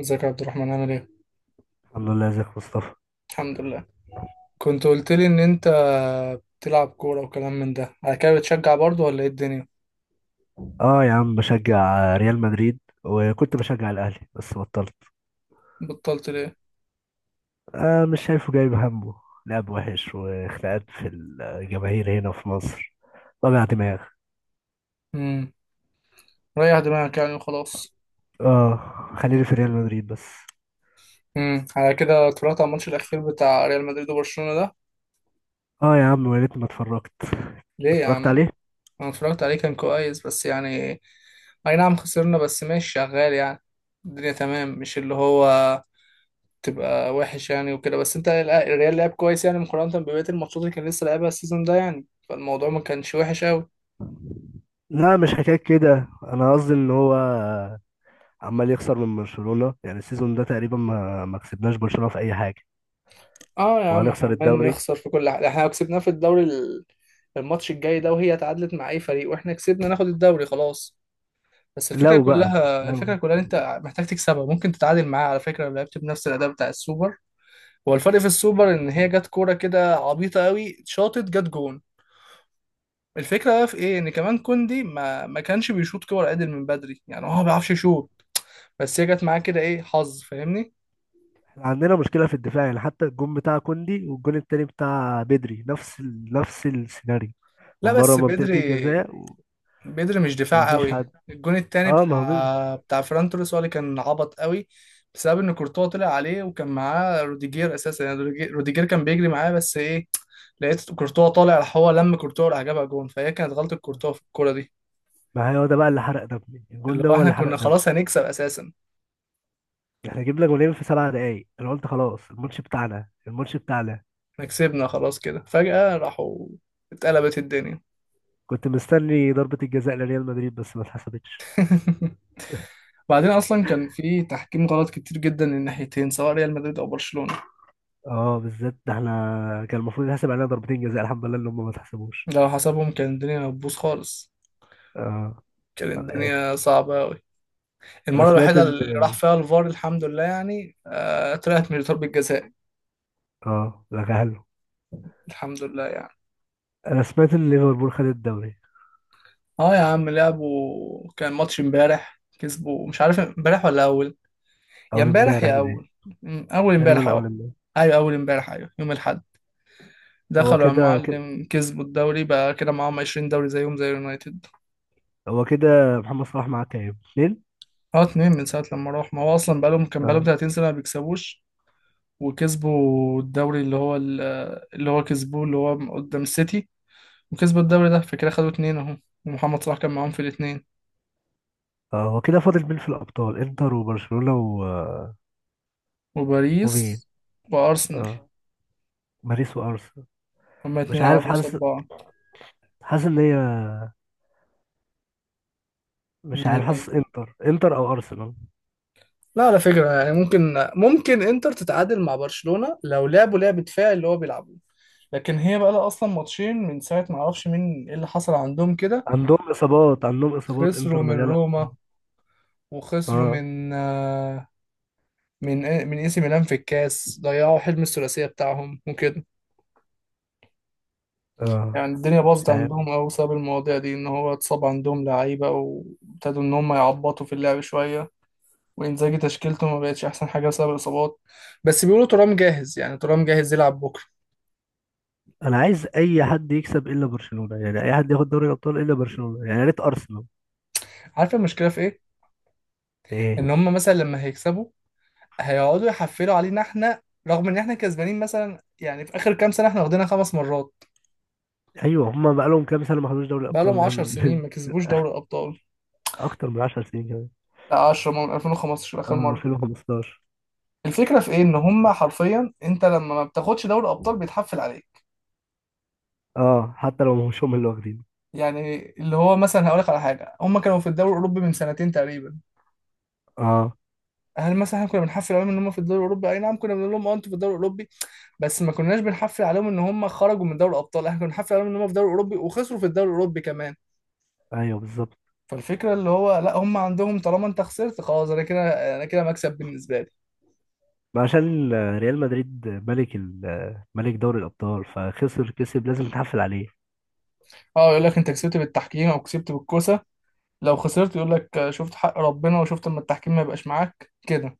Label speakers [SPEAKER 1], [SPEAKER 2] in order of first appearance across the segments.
[SPEAKER 1] ازيك يا عبد الرحمن؟ عامل ايه؟
[SPEAKER 2] الحمد لله، ازيك يا مصطفى؟
[SPEAKER 1] الحمد لله. كنت قلت لي ان انت بتلعب كورة وكلام من ده على كده، بتشجع برضه ولا ايه الدنيا؟
[SPEAKER 2] اه يا عم، بشجع ريال مدريد وكنت بشجع الاهلي بس بطلت.
[SPEAKER 1] بطلت ليه؟
[SPEAKER 2] آه، مش شايفه جايب همه. لعب وحش وخناقات في الجماهير هنا في مصر. وجع دماغ.
[SPEAKER 1] امم ريح دماغك يعني وخلاص.
[SPEAKER 2] اه، خليني في ريال مدريد بس.
[SPEAKER 1] على كده اتفرجت على الماتش الأخير بتاع ريال مدريد وبرشلونة ده؟
[SPEAKER 2] اه يا عم، يا ريتني ما اتفرجت.
[SPEAKER 1] ليه يا
[SPEAKER 2] اتفرجت
[SPEAKER 1] عم؟
[SPEAKER 2] عليه.
[SPEAKER 1] أنا اتفرجت عليه، كان كويس بس يعني أي نعم خسرنا، بس ماشي شغال يعني الدنيا تمام، مش اللي هو تبقى وحش يعني وكده. بس انت الريال لعب كويس يعني، مقارنة ببقية الماتشات اللي كان لسه لعبها السيزون ده يعني، فالموضوع ما كانش وحش أوي.
[SPEAKER 2] لا، مش حكاية كده، انا قصدي ان هو عمال يخسر من برشلونة يعني السيزون ده تقريبا ما كسبناش برشلونة في اي حاجة.
[SPEAKER 1] اه يا عم، احنا
[SPEAKER 2] وهنخسر
[SPEAKER 1] عمالين
[SPEAKER 2] الدوري.
[SPEAKER 1] نخسر في كل حاجة. احنا لو كسبناه في الدوري ال- الماتش الجاي ده، وهي تعادلت مع اي فريق واحنا كسبنا، ناخد الدوري خلاص. بس الفكرة
[SPEAKER 2] لو بقى
[SPEAKER 1] كلها، الفكرة
[SPEAKER 2] لو
[SPEAKER 1] كلها، إن انت محتاج تكسبها. ممكن تتعادل معاه على فكرة لو لعبت بنفس الاداء بتاع السوبر. هو الفرق في السوبر ان هي جت كورة كده عبيطة قوي، شاطت جت جون. الفكرة بقى في ايه، ان كمان كوندي ما كانش بيشوط كور عدل من بدري، يعني هو ما بيعرفش يشوط، بس هي جت معاه كده، ايه حظ، فاهمني.
[SPEAKER 2] عندنا مشكلة في الدفاع، يعني حتى الجون بتاع كوندي والجون التاني بتاع بدري نفس السيناريو
[SPEAKER 1] لا
[SPEAKER 2] من بره
[SPEAKER 1] بس
[SPEAKER 2] منطقة
[SPEAKER 1] بدري،
[SPEAKER 2] الجزاء
[SPEAKER 1] بدري مش دفاع
[SPEAKER 2] ومفيش
[SPEAKER 1] قوي.
[SPEAKER 2] حد.
[SPEAKER 1] الجون التاني
[SPEAKER 2] اه، ما هو بدري.
[SPEAKER 1] بتاع فران توريس هو اللي كان عبط قوي، بسبب ان كورتوا طلع عليه وكان معاه روديجير اساسا، يعني روديجير كان بيجري معاه، بس ايه، لقيت كورتوا طالع، راح هو لم كورتوا، راح جابها جون، فهي كانت غلطة كورتوا في الكورة دي.
[SPEAKER 2] ما هي هو ده بقى اللي حرق دمي، الجون
[SPEAKER 1] اللي
[SPEAKER 2] ده
[SPEAKER 1] هو
[SPEAKER 2] هو
[SPEAKER 1] احنا
[SPEAKER 2] اللي حرق
[SPEAKER 1] كنا
[SPEAKER 2] دمي.
[SPEAKER 1] خلاص هنكسب اساسا،
[SPEAKER 2] احنا جبنا جونين في 7 دقايق، انا قلت خلاص الماتش بتاعنا، الماتش بتاعنا.
[SPEAKER 1] احنا كسبنا خلاص، كده فجأة راحوا، اتقلبت الدنيا.
[SPEAKER 2] كنت مستني ضربة الجزاء لريال مدريد بس ما اتحسبتش.
[SPEAKER 1] بعدين اصلا كان في تحكيم غلط كتير جدا للناحيتين، سواء ريال مدريد او برشلونة.
[SPEAKER 2] اه، بالذات ده احنا كان المفروض يتحسب علينا ضربتين جزاء، الحمد لله ان هم ما اتحسبوش.
[SPEAKER 1] لو حسبهم كان الدنيا هتبوظ خالص،
[SPEAKER 2] اه.
[SPEAKER 1] كانت
[SPEAKER 2] على الاخر.
[SPEAKER 1] الدنيا صعبة أوي.
[SPEAKER 2] انا
[SPEAKER 1] المرة
[SPEAKER 2] سمعت
[SPEAKER 1] الوحيدة
[SPEAKER 2] ان
[SPEAKER 1] اللي راح فيها الفار الحمد لله يعني طلعت من ضربة جزاء،
[SPEAKER 2] اه، لا، حلو.
[SPEAKER 1] الحمد لله يعني.
[SPEAKER 2] انا سمعت ان ليفربول خد الدوري.
[SPEAKER 1] اه يا عم، لعبوا كان ماتش امبارح، كسبوا، مش عارف امبارح ولا اول، يا
[SPEAKER 2] اول
[SPEAKER 1] امبارح
[SPEAKER 2] امبارح
[SPEAKER 1] يا
[SPEAKER 2] باين.
[SPEAKER 1] اول، اول امبارح
[SPEAKER 2] تقريبا
[SPEAKER 1] اه.
[SPEAKER 2] اول امبارح.
[SPEAKER 1] ايوه اول امبارح، ايوه يوم الاحد.
[SPEAKER 2] هو
[SPEAKER 1] دخلوا يا
[SPEAKER 2] كده كده،
[SPEAKER 1] معلم، كسبوا الدوري، بقى كده معاهم 20 دوري زيهم زي يونايتد.
[SPEAKER 2] هو كده. محمد صلاح معاه كام؟ 2؟
[SPEAKER 1] اه اتنين من ساعة لما راح، ما هو اصلا بقالهم، كان بقالهم
[SPEAKER 2] اه،
[SPEAKER 1] 30 سنة ما بيكسبوش. وكسبوا الدوري اللي هو ال- اللي هو كسبوه اللي هو قدام السيتي، وكسبوا الدوري ده، فكده خدوا اتنين اهو. ومحمد صلاح كان معاهم في الاتنين.
[SPEAKER 2] اه. هو كده فاضل مين في الابطال؟ انتر وبرشلونة ومين؟
[SPEAKER 1] وباريس وارسنال،
[SPEAKER 2] اه، باريس وارسنال.
[SPEAKER 1] هما اتنين
[SPEAKER 2] مش عارف،
[SPEAKER 1] لعبوا قصاد
[SPEAKER 2] حاسس.
[SPEAKER 1] بعض.
[SPEAKER 2] حاسس ان هي، مش عارف، حاسس
[SPEAKER 1] إيه.
[SPEAKER 2] انتر او ارسنال.
[SPEAKER 1] لا على فكرة يعني، ممكن، ممكن انتر تتعادل مع برشلونة لو لعبوا لعب دفاعي اللي هو بيلعبوه. لكن هي بقى لها اصلا ماتشين من ساعه، ما اعرفش مين ايه اللي حصل عندهم كده.
[SPEAKER 2] عندهم اصابات، عندهم اصابات،
[SPEAKER 1] خسروا
[SPEAKER 2] انتر
[SPEAKER 1] من
[SPEAKER 2] مليانة
[SPEAKER 1] روما،
[SPEAKER 2] إصابات.
[SPEAKER 1] وخسروا
[SPEAKER 2] اه،
[SPEAKER 1] من آه، من إيه، من اي سي ميلان في الكاس، ضيعوا حلم الثلاثيه بتاعهم وكده.
[SPEAKER 2] اه،
[SPEAKER 1] يعني الدنيا
[SPEAKER 2] مش
[SPEAKER 1] باظت
[SPEAKER 2] عارف.
[SPEAKER 1] عندهم أوي بسبب المواضيع دي، إن هو اتصاب عندهم لعيبة، وابتدوا إن هم يعبطوا في اللعب شوية، وإنزاجي تشكيلته ما بقتش أحسن حاجة بسبب الإصابات. بس بيقولوا ترام جاهز، يعني ترام جاهز يلعب بكرة.
[SPEAKER 2] انا عايز اي حد يكسب الا برشلونه، يعني اي حد ياخد دوري الابطال الا برشلونه، يعني يا ريت ارسنال.
[SPEAKER 1] عارف المشكلة في إيه؟
[SPEAKER 2] ايه؟
[SPEAKER 1] إن هم مثلا لما هيكسبوا، هيقعدوا يحفلوا علينا إحنا، رغم إن إحنا كسبانين مثلا، يعني في آخر كام سنة إحنا واخدينها 5 مرات.
[SPEAKER 2] ايوه، هم بقالهم كام سنه ما خدوش دوري الابطال
[SPEAKER 1] بقالهم عشر
[SPEAKER 2] من
[SPEAKER 1] سنين ما كسبوش دوري الأبطال.
[SPEAKER 2] اكتر من 10 سنين كمان.
[SPEAKER 1] لا 10 من 2015 آخر
[SPEAKER 2] اه،
[SPEAKER 1] مرة.
[SPEAKER 2] 2015.
[SPEAKER 1] الفكرة في إيه؟ إن هم حرفيا أنت لما ما بتاخدش دوري الأبطال بيتحفل عليك.
[SPEAKER 2] اه، حتى لو مش هم اللي واخدين.
[SPEAKER 1] يعني اللي هو مثلا هقول لك على حاجه، هم كانوا في الدوري الاوروبي من سنتين تقريبا.
[SPEAKER 2] اه.
[SPEAKER 1] هل مثلا احنا كنا بنحفل عليهم ان هم في الدوري الاوروبي؟ اي نعم كنا بنقول لهم اه انتوا في الدوري الاوروبي، بس ما كناش بنحفل عليهم ان هم خرجوا من دوري الابطال. احنا كنا بنحفل عليهم ان هم في الدوري الاوروبي وخسروا في الدوري الاوروبي كمان.
[SPEAKER 2] ايوه، بالظبط.
[SPEAKER 1] فالفكره اللي هو لا، هم عندهم طالما انت خسرت خلاص، انا كده، انا كده مكسب بالنسبه لي.
[SPEAKER 2] ما عشان ريال مدريد ملك ملك دوري الابطال، فخسر كسب لازم نتحفل عليه.
[SPEAKER 1] اه يقول لك انت كسبت بالتحكيم او كسبت بالكوسه. لو خسرت يقول لك شفت حق ربنا، وشفت اما التحكيم ما يبقاش معاك كده.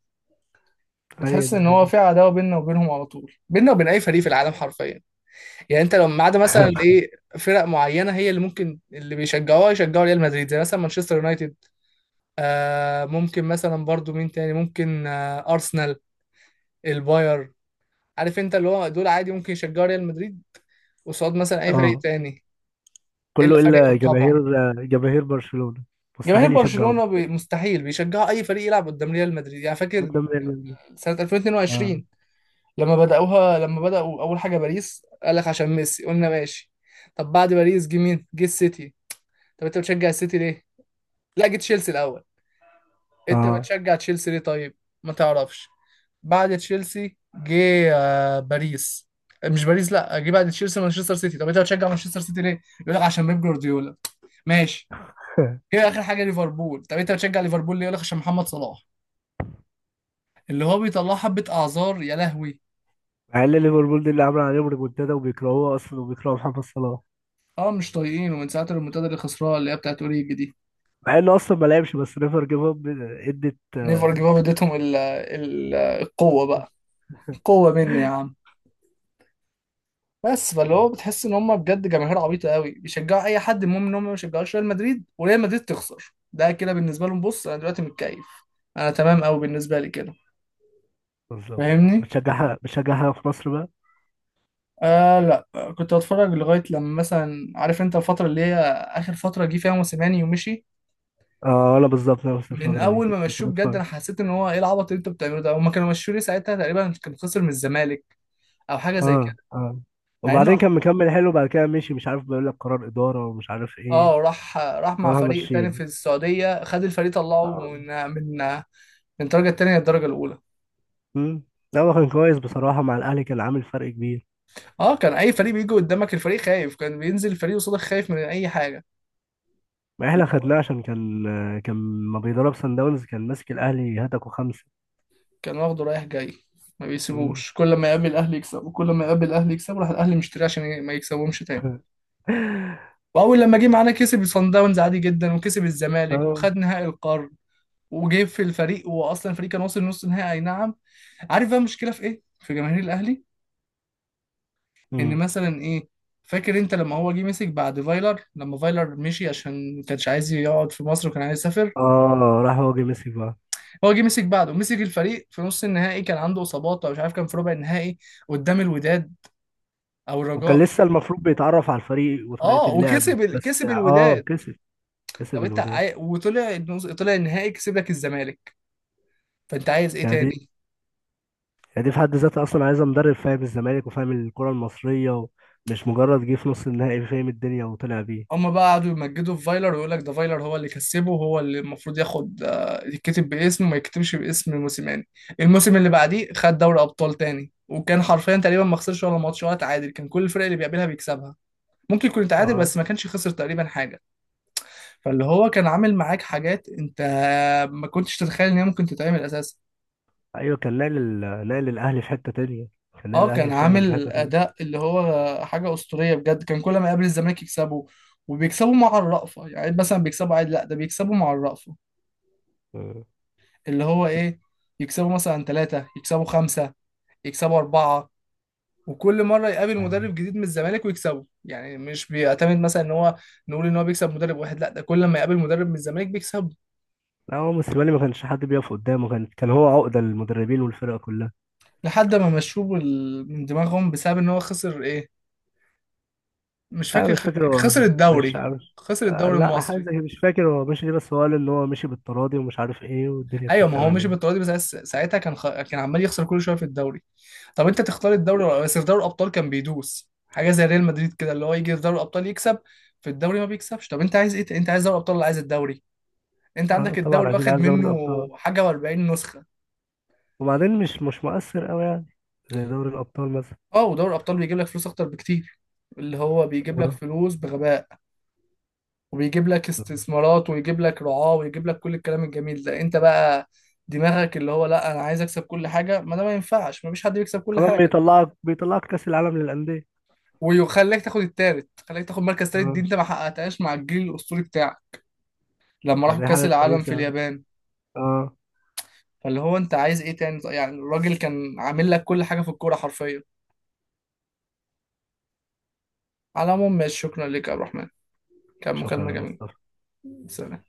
[SPEAKER 2] هي
[SPEAKER 1] بتحس
[SPEAKER 2] دي
[SPEAKER 1] ان هو
[SPEAKER 2] الدنيا.
[SPEAKER 1] في عداوه بيننا وبينهم على طول، بيننا وبين اي فريق في العالم حرفيا. يعني انت لو ما عدا مثلا ايه، فرق معينه هي اللي ممكن اللي بيشجعوها يشجعوا ريال مدريد، زي مثلا مانشستر يونايتد، آه ممكن مثلا برضو مين تاني، ممكن آه ارسنال، الباير. عارف انت، اللي هو دول عادي ممكن يشجعوا ريال مدريد قصاد مثلا اي فريق
[SPEAKER 2] اه،
[SPEAKER 1] تاني.
[SPEAKER 2] كله
[SPEAKER 1] الا
[SPEAKER 2] الا
[SPEAKER 1] فريقهم طبعا.
[SPEAKER 2] جماهير جماهير برشلونة.
[SPEAKER 1] جماهير
[SPEAKER 2] مستحيل يشجعوه.
[SPEAKER 1] برشلونه بي مستحيل بيشجعوا اي فريق يلعب قدام ريال مدريد. يعني فاكر
[SPEAKER 2] قدام ريال مدريد.
[SPEAKER 1] سنه
[SPEAKER 2] اه،
[SPEAKER 1] 2022 لما بداوها، لما بداوا اول حاجه باريس، قال لك عشان ميسي، قلنا ماشي. طب بعد باريس جه مين، جه السيتي، طب انت بتشجع السيتي ليه؟ لا جه تشيلسي الاول، انت
[SPEAKER 2] اه.
[SPEAKER 1] بتشجع تشيلسي ليه طيب؟ ما تعرفش. بعد تشيلسي جه باريس، مش باريس، لا جه بعد تشيلسي مانشستر سيتي، طب انت بتشجع مانشستر سيتي ليه؟ يقول لك عشان بيب جوارديولا، ماشي. هي اخر حاجه ليفربول، طب انت بتشجع ليفربول ليه؟ يقول لك عشان محمد صلاح. اللي هو بيطلع حبه اعذار يا لهوي.
[SPEAKER 2] مع ان ليفربول دي اللي عامله عليهم ريمونتادا وبيكرهوه اصلا وبيكرهوا محمد صلاح.
[SPEAKER 1] اه مش طايقين، ومن ساعه المنتدى اللي خسرها اللي هي بتاعت اوريجي دي،
[SPEAKER 2] مع انه اصلا ما لعبش، بس نيفر جيف اب ادت
[SPEAKER 1] نيفر جيف
[SPEAKER 2] آه،
[SPEAKER 1] اب اديتهم ال ال القوه بقى، قوه مني يا عم. بس فاللي هو بتحس ان هم بجد جماهير عبيطه قوي، بيشجعوا اي حد، المهم ان هم ما يشجعوش ريال مدريد، وريال مدريد تخسر، ده كده بالنسبه لهم. بص انا دلوقتي متكيف، انا تمام قوي بالنسبه لي كده،
[SPEAKER 2] بالظبط.
[SPEAKER 1] فاهمني.
[SPEAKER 2] بتشجعها في مصر بقى؟
[SPEAKER 1] آه لا كنت بتفرج لغايه لما مثلا، عارف انت الفتره اللي هي اخر فتره جه فيها موسيماني ومشي.
[SPEAKER 2] اه، انا بالظبط، انا نفس
[SPEAKER 1] من
[SPEAKER 2] الفترة
[SPEAKER 1] اول
[SPEAKER 2] دي
[SPEAKER 1] ما
[SPEAKER 2] كنت
[SPEAKER 1] مشوه بجد
[SPEAKER 2] بتفرج.
[SPEAKER 1] انا حسيت ان هو ايه العبط اللي انتوا بتعملوه ده، هما كانوا مشوه ليه؟ ساعتها تقريبا كان خسر من الزمالك او حاجه زي
[SPEAKER 2] اه،
[SPEAKER 1] كده.
[SPEAKER 2] اه،
[SPEAKER 1] مع انه
[SPEAKER 2] وبعدين كان مكمل حلو بعد كده مشي، مش عارف، بيقول لك قرار إدارة ومش عارف ايه.
[SPEAKER 1] اه راح، راح مع
[SPEAKER 2] وراح
[SPEAKER 1] فريق تاني
[SPEAKER 2] ماشيين.
[SPEAKER 1] في السعوديه، خد الفريق طلعه
[SPEAKER 2] اه.
[SPEAKER 1] من من من الدرجه التانيه للدرجه الاولى.
[SPEAKER 2] امم. لا، هو كان كويس بصراحة، مع الأهلي كان عامل فرق كبير.
[SPEAKER 1] اه كان اي فريق بيجي قدامك الفريق خايف، كان بينزل الفريق قصادك خايف من اي حاجه.
[SPEAKER 2] ما احنا
[SPEAKER 1] اللي هو
[SPEAKER 2] خدناه عشان كان ما بيدرب سان داونز، كان ماسك الأهلي هتكوا 5.
[SPEAKER 1] كان واخده رايح جاي، ما
[SPEAKER 2] امم.
[SPEAKER 1] بيسيبوش، كل ما يقابل الاهلي يكسب، وكل ما يقابل الاهلي يكسب، راح الاهلي مشتريه عشان ما يكسبهمش تاني. واول لما جه معانا كسب صن داونز عادي جدا، وكسب الزمالك،
[SPEAKER 2] اه.
[SPEAKER 1] وخد نهائي القرن، وجه في الفريق، واصلا الفريق كان واصل نص نهائي اي نعم. عارف بقى المشكله في ايه في جماهير الاهلي؟ ان
[SPEAKER 2] امم.
[SPEAKER 1] مثلا ايه، فاكر انت لما هو جه مسك بعد فايلر، لما فايلر مشي عشان ما كانش عايز يقعد في مصر وكان عايز يسافر،
[SPEAKER 2] اه، راح هو جه ميسي بقى.
[SPEAKER 1] هو جه مسك بعده، مسك الفريق في نص النهائي، كان عنده اصابات او مش عارف، كان في ربع النهائي قدام الوداد او
[SPEAKER 2] وكان
[SPEAKER 1] الرجاء.
[SPEAKER 2] لسه المفروض بيتعرف على الفريق وطريقة
[SPEAKER 1] اه
[SPEAKER 2] اللعب.
[SPEAKER 1] وكسب
[SPEAKER 2] بس
[SPEAKER 1] كسب
[SPEAKER 2] اه،
[SPEAKER 1] الوداد.
[SPEAKER 2] كسب
[SPEAKER 1] طب انت
[SPEAKER 2] الوداد.
[SPEAKER 1] وطلع طلع النهائي كسب لك الزمالك، فانت عايز ايه
[SPEAKER 2] يعني دي
[SPEAKER 1] تاني؟
[SPEAKER 2] يعني دي في حد ذاتها اصلا عايزه مدرب فاهم الزمالك وفاهم الكره المصريه. ومش مجرد جه في نص النهائي فاهم الدنيا وطلع بيه.
[SPEAKER 1] هما بقى قعدوا يمجدوا في فايلر، ويقول لك ده فايلر هو اللي كسبه، وهو اللي المفروض ياخد يتكتب باسمه وما يكتبش باسم موسيماني. الموسم اللي بعديه خد دوري ابطال تاني، وكان حرفيا تقريبا ما خسرش ولا ماتش ولا تعادل، كان كل الفرق اللي بيقابلها بيكسبها. ممكن يكون تعادل،
[SPEAKER 2] اه
[SPEAKER 1] بس ما كانش خسر تقريبا حاجه. فاللي هو كان عامل معاك حاجات انت ما كنتش تتخيل ان هي ممكن تتعمل اساسا.
[SPEAKER 2] ايوه، كان ناقل الاهلي في حته تانية. كان ناقل
[SPEAKER 1] اه كان
[SPEAKER 2] الاهلي فعلا في حته
[SPEAKER 1] عامل
[SPEAKER 2] تانية.
[SPEAKER 1] اداء اللي هو حاجه اسطوريه بجد، كان كل ما يقابل الزمالك يكسبه، وبيكسبوا مع الرأفة، يعني مثلا بيكسبوا عادي، لا ده بيكسبوا مع الرأفة.
[SPEAKER 2] مم.
[SPEAKER 1] اللي هو ايه، يكسبوا مثلا 3، يكسبوا 5، يكسبوا 4. وكل مرة يقابل مدرب
[SPEAKER 2] يعني-
[SPEAKER 1] جديد من الزمالك ويكسبه، يعني مش بيعتمد مثلا ان هو نقول ان هو بيكسب مدرب واحد، لا ده كل ما يقابل مدرب من الزمالك بيكسبه.
[SPEAKER 2] لا، هو موسيماني ما كانش حد بيقف قدامه، كان هو عقده للمدربين والفرقه كلها.
[SPEAKER 1] لحد ما مشوه من دماغهم، بسبب ان هو خسر ايه، مش
[SPEAKER 2] لا، أنا
[SPEAKER 1] فاكر
[SPEAKER 2] مش فاكر هو.
[SPEAKER 1] خسر
[SPEAKER 2] مش
[SPEAKER 1] الدوري،
[SPEAKER 2] مش
[SPEAKER 1] خسر
[SPEAKER 2] آه،
[SPEAKER 1] الدوري
[SPEAKER 2] لا، حاجه
[SPEAKER 1] المصري.
[SPEAKER 2] كده، مش فاكر هو مشي ليه، بس هو قال ان هو مشي بالتراضي ومش عارف ايه والدنيا
[SPEAKER 1] ايوه
[SPEAKER 2] كانت
[SPEAKER 1] ما هو
[SPEAKER 2] تمام
[SPEAKER 1] مشي
[SPEAKER 2] يعني.
[SPEAKER 1] بالطريقه دي، بس ساعتها كان كان عمال يخسر كل شويه في الدوري. طب انت تختار الدوري بس؟ في دوري الابطال كان بيدوس حاجه زي ريال مدريد كده، اللي هو يجي في دوري الابطال يكسب، في الدوري ما بيكسبش. طب انت عايز ايه، انت عايز دوري الابطال ولا عايز الدوري؟ انت
[SPEAKER 2] اه،
[SPEAKER 1] عندك
[SPEAKER 2] طبعا
[SPEAKER 1] الدوري
[SPEAKER 2] اكيد
[SPEAKER 1] واخد
[SPEAKER 2] عايز دوري
[SPEAKER 1] منه
[SPEAKER 2] الابطال.
[SPEAKER 1] حاجه و40 نسخه.
[SPEAKER 2] وبعدين مش مؤثر قوي يعني. زي دوري الابطال مثلا.
[SPEAKER 1] اه ودوري الابطال بيجيب لك فلوس اكتر بكتير، اللي هو بيجيب لك
[SPEAKER 2] اه،
[SPEAKER 1] فلوس بغباء، وبيجيب لك استثمارات، ويجيب لك رعاة، ويجيب لك كل الكلام الجميل ده. انت بقى دماغك اللي هو لا انا عايز اكسب كل حاجه، ما ده ما ينفعش، ما فيش حد بيكسب كل
[SPEAKER 2] كمان
[SPEAKER 1] حاجه.
[SPEAKER 2] بيطلعك كاس العالم للانديه.
[SPEAKER 1] ويخليك تاخد التالت، خليك تاخد مركز تالت دي
[SPEAKER 2] اه،
[SPEAKER 1] انت ما حققتهاش مع الجيل الاسطوري بتاعك، لما راحوا
[SPEAKER 2] فدي
[SPEAKER 1] كاس
[SPEAKER 2] حاجه
[SPEAKER 1] العالم
[SPEAKER 2] كويسه
[SPEAKER 1] في
[SPEAKER 2] يعني.
[SPEAKER 1] اليابان.
[SPEAKER 2] اه.
[SPEAKER 1] فاللي هو انت عايز ايه تاني، يعني الراجل كان عامل لك كل حاجه في الكوره حرفيا. على العموم ماشي، شكرا لك يا عبد الرحمن، كان مكالمه
[SPEAKER 2] شكرا يا
[SPEAKER 1] جميله.
[SPEAKER 2] مصطفى.
[SPEAKER 1] سلام.